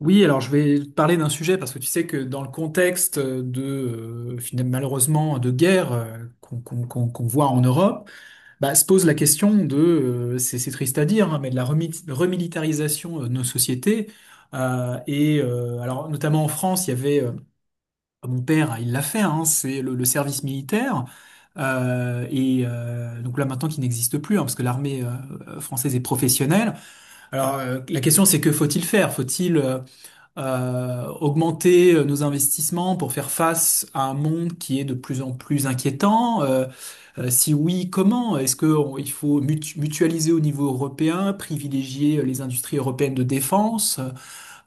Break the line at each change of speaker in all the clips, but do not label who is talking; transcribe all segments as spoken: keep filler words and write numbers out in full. Oui, alors je vais te parler d'un sujet parce que tu sais que dans le contexte de euh, finalement, malheureusement de guerre euh, qu'on qu'on- qu'on- qu'on voit en Europe, bah, se pose la question de euh, c'est c'est triste à dire hein, mais de la remi- remilitarisation de nos sociétés. Euh, et euh, alors notamment en France il y avait euh, mon père hein, il l'a fait hein, c'est le, le service militaire euh, et euh, donc là maintenant qui n'existe plus hein, parce que l'armée euh, française est professionnelle. Alors euh, la question c'est que faut-il faire? Faut-il euh, euh, augmenter euh, nos investissements pour faire face à un monde qui est de plus en plus inquiétant? Euh, euh, si oui, comment? Est-ce que on- il faut mutu- mutualiser au niveau européen, privilégier euh, les industries européennes de défense?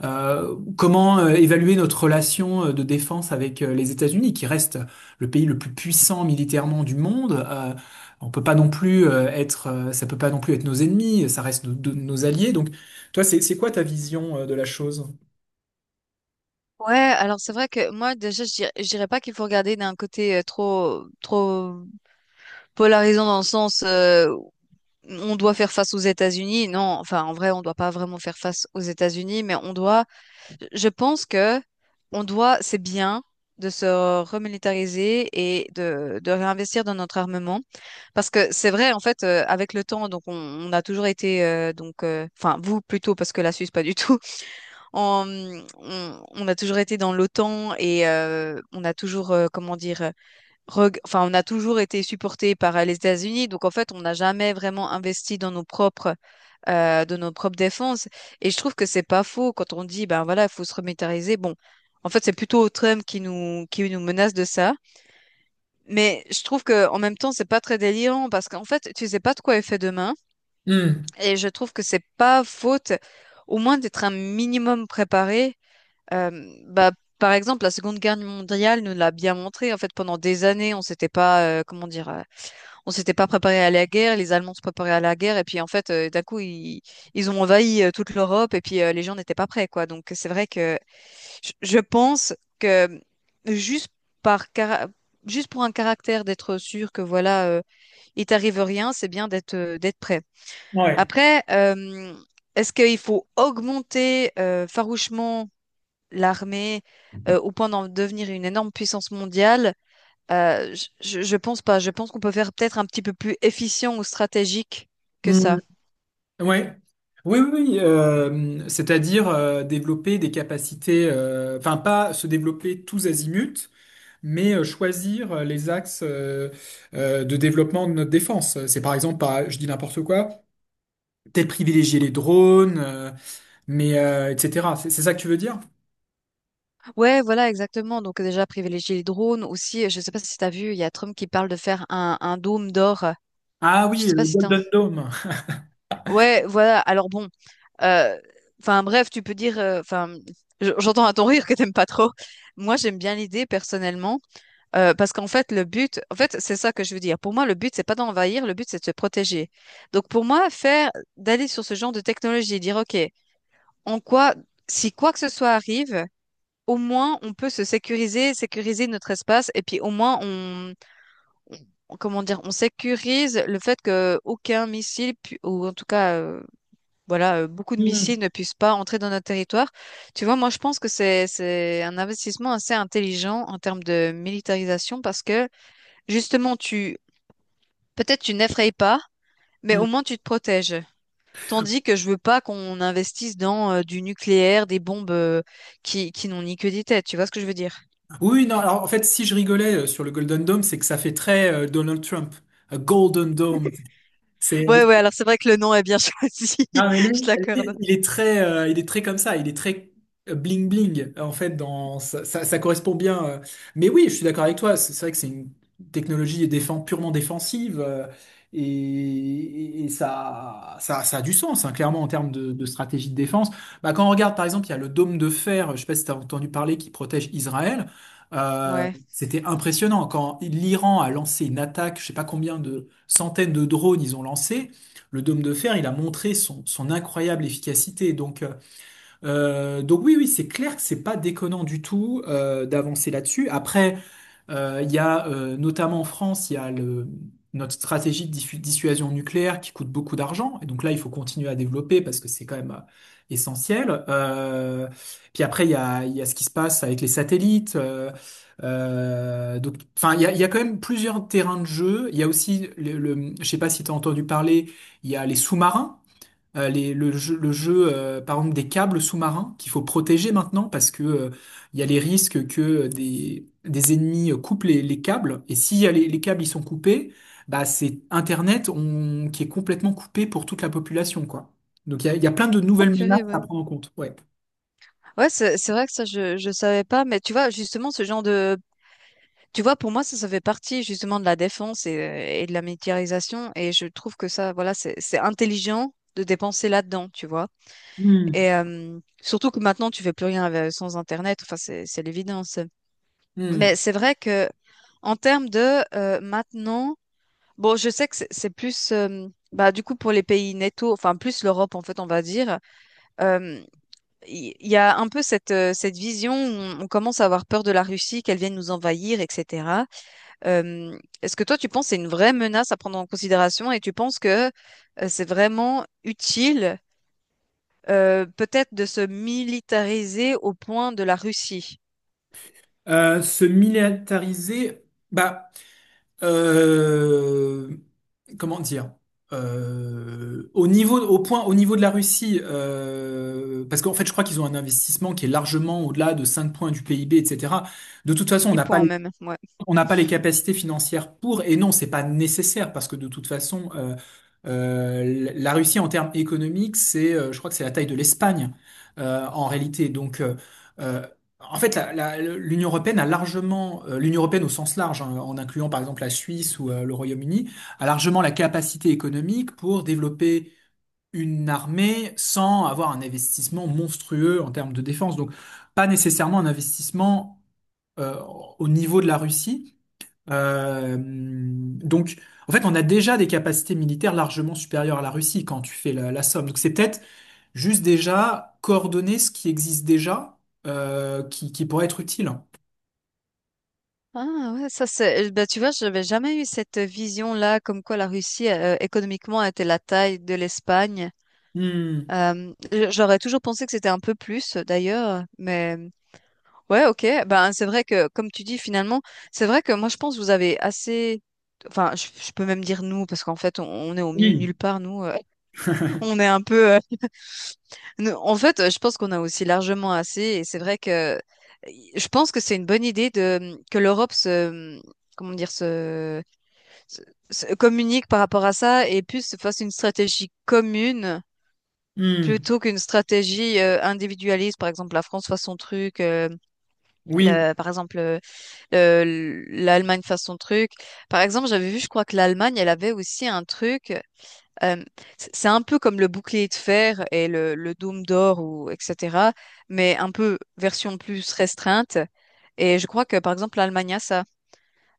Euh, comment euh, évaluer notre relation euh, de défense avec euh, les États-Unis, qui reste le pays le plus puissant militairement du monde? Euh, on peut pas non plus euh, être, euh, ça peut pas non plus être nos ennemis, ça reste nos, de- nos alliés. Donc, toi, c'est c'est quoi ta vision euh, de la chose?
Ouais, alors c'est vrai que moi déjà je dirais, je dirais pas qu'il faut regarder d'un côté euh, trop trop polarisant dans le sens euh, on doit faire face aux États-Unis. Non, enfin en vrai on doit pas vraiment faire face aux États-Unis, mais on doit. Je pense que on doit, c'est bien de se remilitariser et de de réinvestir dans notre armement parce que c'est vrai en fait euh, avec le temps donc on, on a toujours été euh, donc euh, enfin vous plutôt parce que la Suisse pas du tout en- on, on a toujours été dans l'O T A N et euh, on a toujours, euh, comment dire, euh, reg- enfin, on a toujours été supporté par euh, les États-Unis. Donc, en fait, on n'a jamais vraiment investi dans nos propres, euh, de nos propres défenses. Et je trouve que c'est pas faux quand on dit, ben voilà, il faut se remilitariser. Bon, en fait, c'est plutôt Trump qui nous, qui nous menace de ça. Mais je trouve que en même temps, c'est pas très délirant parce qu'en fait, tu sais pas de quoi est fait demain.
Hmm.
Et je trouve que c'est pas faute, au moins, d'être un minimum préparé euh, bah, par exemple, la Seconde Guerre mondiale nous l'a bien montré. En fait, pendant des années, on s'était pas, euh, comment dire, euh, on s'était pas préparé à la guerre. Les Allemands se préparaient à la guerre, et puis en fait, euh, d'un coup, ils, ils ont envahi euh, toute l'Europe, et puis euh, les gens n'étaient pas prêts, quoi. Donc, c'est vrai que je je pense que juste par cara- juste pour un caractère d'être sûr que voilà, euh, il t'arrive rien, c'est bien d'être euh, d'être prêt.
Ouais.
Après, euh, est-ce qu'il faut augmenter euh, farouchement l'armée euh, au point d'en devenir une énorme puissance mondiale, euh, je, je je pense pas. Je pense qu'on peut faire peut-être un petit peu plus efficient ou stratégique que
Mm.
ça.
Ouais. Oui, oui, oui, euh, c'est-à-dire euh, développer des capacités, euh, enfin pas se développer tous azimuts, mais euh, choisir euh, les axes euh, euh, de développement de notre défense. C'est par exemple, pas, je dis n'importe quoi, peut-être privilégier les drones, euh, mais euh, et cetera. C'est c'est ça que tu veux dire?
Ouais, voilà, exactement. Donc déjà, privilégier les drones aussi. Je sais pas si tu as vu, il y a Trump qui parle de faire un, un dôme d'or.
Ah
Je
oui,
sais pas
le
si t'as...
Golden Dome.
Ouais, voilà. Alors bon, euh, enfin bref, tu peux dire... euh, Enfin, j- j'entends à ton rire que t'aimes pas trop. Moi, j'aime bien l'idée personnellement. Euh, parce qu'en fait, le but, en fait, c'est ça que je veux dire. Pour moi, le but, c'est pas d'envahir, le but, c'est de se protéger. Donc, pour moi, faire, d'aller sur ce genre de technologie, dire, OK, en quoi, si quoi que ce soit arrive, au moins, on peut se sécuriser, sécuriser notre espace, et puis au moins, on, on- comment dire, on sécurise le fait que aucun missile, pu- ou en tout cas, euh, voilà, euh, beaucoup de
Mm.
missiles ne puissent pas entrer dans notre territoire. Tu vois, moi, je pense que c'est, c'est un investissement assez intelligent en termes de militarisation parce que justement, tu peut-être tu n'effraies pas, mais au
Mm.
moins tu te protèges. Tandis que je veux pas qu'on investisse dans euh, du nucléaire, des bombes euh, qui, qui n'ont ni queue ni tête. Tu vois ce que je veux dire?
Oui, non, alors en fait, si je rigolais euh, sur le Golden Dome, c'est que ça fait très euh, Donald Trump. A Golden Dome. C'est.
Ouais, ouais. Alors c'est vrai que le nom est bien choisi.
Non, mais lui,
Je te
lui,
l'accorde.
il est très, euh, il est très comme ça, il est très euh, bling bling en fait. Dans ça, ça, ça correspond bien. euh. Mais oui, je suis d'accord avec toi. C'est c'est vrai que c'est une technologie défend, purement défensive euh, et, et- et ça, ça, ça a du sens hein, clairement en termes de, de stratégie de défense. Bah, quand on regarde par exemple, il y a le dôme de fer. Je sais pas si tu as entendu parler qui protège Israël. Euh,
Ouais.
c'était impressionnant quand l'Iran a lancé une attaque. Je sais pas combien de centaines de drones ils ont lancé. Le dôme de fer, il a montré son, son incroyable efficacité. Donc, euh, euh, donc oui, oui, c'est clair que c'est pas déconnant du tout euh, d'avancer là-dessus. Après, euh, il y a euh, notamment en France, il y a le, notre stratégie de dissu- dissuasion nucléaire qui coûte beaucoup d'argent. Et donc là, il faut continuer à développer parce que c'est quand même euh, essentiel. Euh, puis après, il y a, il y a ce qui se passe avec les satellites. Euh, euh, donc, enfin, il y a, il y a quand même plusieurs terrains de jeu. Il y a aussi le, le- je sais pas si tu as entendu parler, il y a les sous-marins. Euh, les- le jeu, le jeu euh, par exemple, des câbles sous-marins qu'il faut protéger maintenant parce que euh, il y a les risques que des, des ennemis euh, coupent les, les câbles. Et si les, les câbles ils sont coupés, bah, c'est Internet on- qui est complètement coupé pour toute la population, quoi. Donc il y a, il y a plein de
Ah,
nouvelles menaces
purée,
à
ouais.
prendre en compte. Ouais.
Ouais, c'est c'est vrai que ça je je savais pas, mais tu vois justement ce genre de tu vois pour moi ça ça fait partie justement de la défense et, euh, et de la militarisation et je trouve que ça voilà c'est c'est intelligent de dépenser là-dedans, tu vois.
Hmm,
Et euh, surtout que maintenant, tu fais plus rien avec- sans Internet. Enfin, c'est c'est l'évidence. Mais
hmm.
c'est vrai que en termes de euh, maintenant, bon, je sais que c'est c'est plus, euh, bah, du coup, pour les pays netto, enfin, plus l'Europe, en fait, on va dire, euh, il il y, a un peu cette, euh, cette vision où on, on commence à avoir peur de la Russie, qu'elle vienne nous envahir, et cetera. Euh, Est-ce que toi, tu penses que c'est une vraie menace à prendre en considération et tu penses que euh, c'est vraiment utile? Euh, peut-être de se militariser au point de la Russie.
Euh, se militariser, bah. euh, comment dire, euh, au niveau, au point, au niveau de la Russie, euh, parce qu'en fait, je crois qu'ils ont un investissement qui est largement au-delà de cinq points du P I B, et cetera. De toute façon, on
Dix
n'a pas
points même, ouais.
on n'a pas les capacités financières pour, et non, c'est pas nécessaire parce que de toute façon, euh, euh, la Russie en termes économiques, c'est, euh, je crois que c'est la taille de l'Espagne euh, en réalité. Donc, euh, euh, en fait, la- la- l'Union européenne a largement, euh, l'Union européenne au sens large, hein, en incluant par exemple la Suisse ou euh, le Royaume-Uni, a largement la capacité économique pour développer une armée sans avoir un investissement monstrueux en termes de défense. Donc, pas nécessairement un investissement euh, au niveau de la Russie. Euh, donc, en fait, on a déjà des capacités militaires largement supérieures à la Russie quand tu fais la, la somme. Donc, c'est peut-être juste déjà coordonner ce qui existe déjà, euh, qui, qui pourrait être utile.
Ah ouais, ça c'est. euh, Bah tu vois, j'avais jamais eu cette vision-là, comme quoi la Russie euh, économiquement était la taille de l'Espagne.
Hmm,
Euh, j- j'aurais toujours pensé que c'était un peu plus, d'ailleurs, mais. Ouais, ok. Ben, c'est vrai que, comme tu dis, finalement, c'est vrai que moi, je pense que vous avez assez. Enfin, je, je peux même dire nous, parce qu'en fait, on, on est au milieu de nulle
oui,
part, nous. euh, on est un peu. euh, nous- en fait, euh, je pense qu'on a aussi largement assez. Et c'est vrai que euh, je pense que c'est une bonne idée de mmh, que l'Europe se. mmh, Comment dire, se, se- se communique par rapport à ça et plus se fasse une stratégie commune
hmm,
plutôt qu'une stratégie euh, individualiste. Par exemple, la France fasse son truc. euh,
oui,
le, par exemple. euh, L'Allemagne fasse son truc. Par exemple, j'avais vu, je crois que l'Allemagne, elle avait aussi un truc. euh, c- c'est un peu comme le bouclier de fer et le, le dôme d'or ou et cetera. Mais un peu version plus restreinte. Et je crois que par exemple l'Allemagne a ça.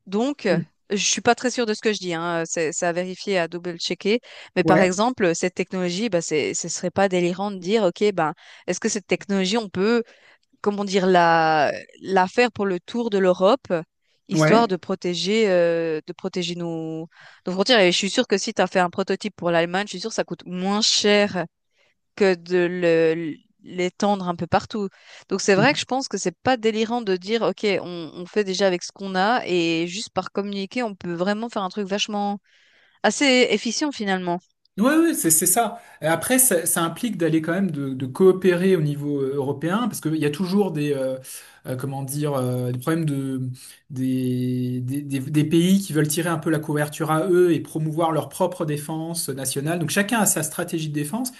Donc, euh,
hmm,
je suis pas très sûre de ce que je dis. Hein. C'est c'est à vérifier, à double-checker. Mais par
ouais,
exemple, cette technologie, bah, c'est, ce serait pas délirant de dire, ok, ben, est-ce que cette technologie, on peut comment dire, la, la faire pour le tour de l'Europe, histoire
ouais.
de protéger, euh, de protéger nos, nos frontières. Et je suis sûre que si tu as fait un prototype pour l'Allemagne, je suis sûre que ça coûte moins cher que de le, l'étendre un peu partout. Donc c'est vrai que je pense que c'est pas délirant de dire, OK, on, on fait déjà avec ce qu'on a et juste par communiquer, on peut vraiment faire un truc vachement assez efficient finalement.
Oui, oui, c'est c'est ça. Et après, ça, ça implique d'aller quand même de, de coopérer au niveau euh, européen, parce qu'il y a toujours des, euh, euh, comment dire, euh, des problèmes de, des, des, des- des pays qui veulent tirer un peu la couverture à eux et promouvoir leur propre défense nationale. Donc chacun a sa stratégie de défense.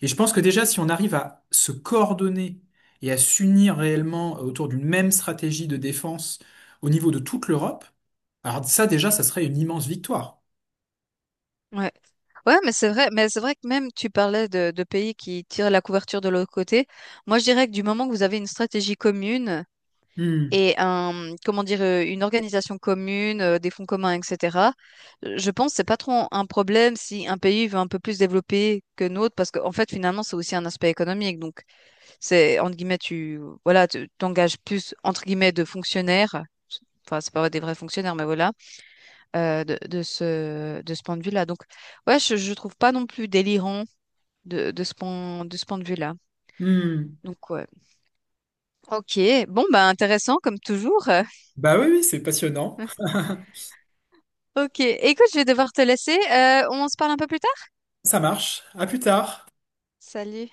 Et je pense que déjà, si on arrive à se coordonner et à s'unir réellement autour d'une même stratégie de défense au niveau de toute l'Europe, alors ça déjà, ça serait une immense victoire.
Ouais. Ouais, mais c'est vrai, mais c'est vrai que même tu parlais de, de pays qui tirent la couverture de l'autre côté. Moi, je dirais que du moment que vous avez une stratégie commune
Hmm,
et un, comment dire, euh, une organisation commune, euh, des fonds communs, et cetera, euh, je pense que c'est pas trop un problème si un pays veut un peu plus développer que notre, parce qu'en fait, finalement, c'est aussi un aspect économique. Donc, c'est, entre guillemets, tu, voilà, tu t'engages plus, entre guillemets, de fonctionnaires. Enfin, c'est pas des vrais fonctionnaires, mais voilà euh, de, de ce, de ce point de vue-là. Donc, ouais, je, je trouve pas non plus délirant de, de ce point, de ce point de vue-là.
hmm.
Donc, ouais. Ok, bon, bah intéressant comme toujours.
Bah oui, oui, c'est passionnant.
Ok, écoute, je vais devoir te laisser. Euh, on se parle un peu plus tard?
Ça marche. À plus tard.
Salut.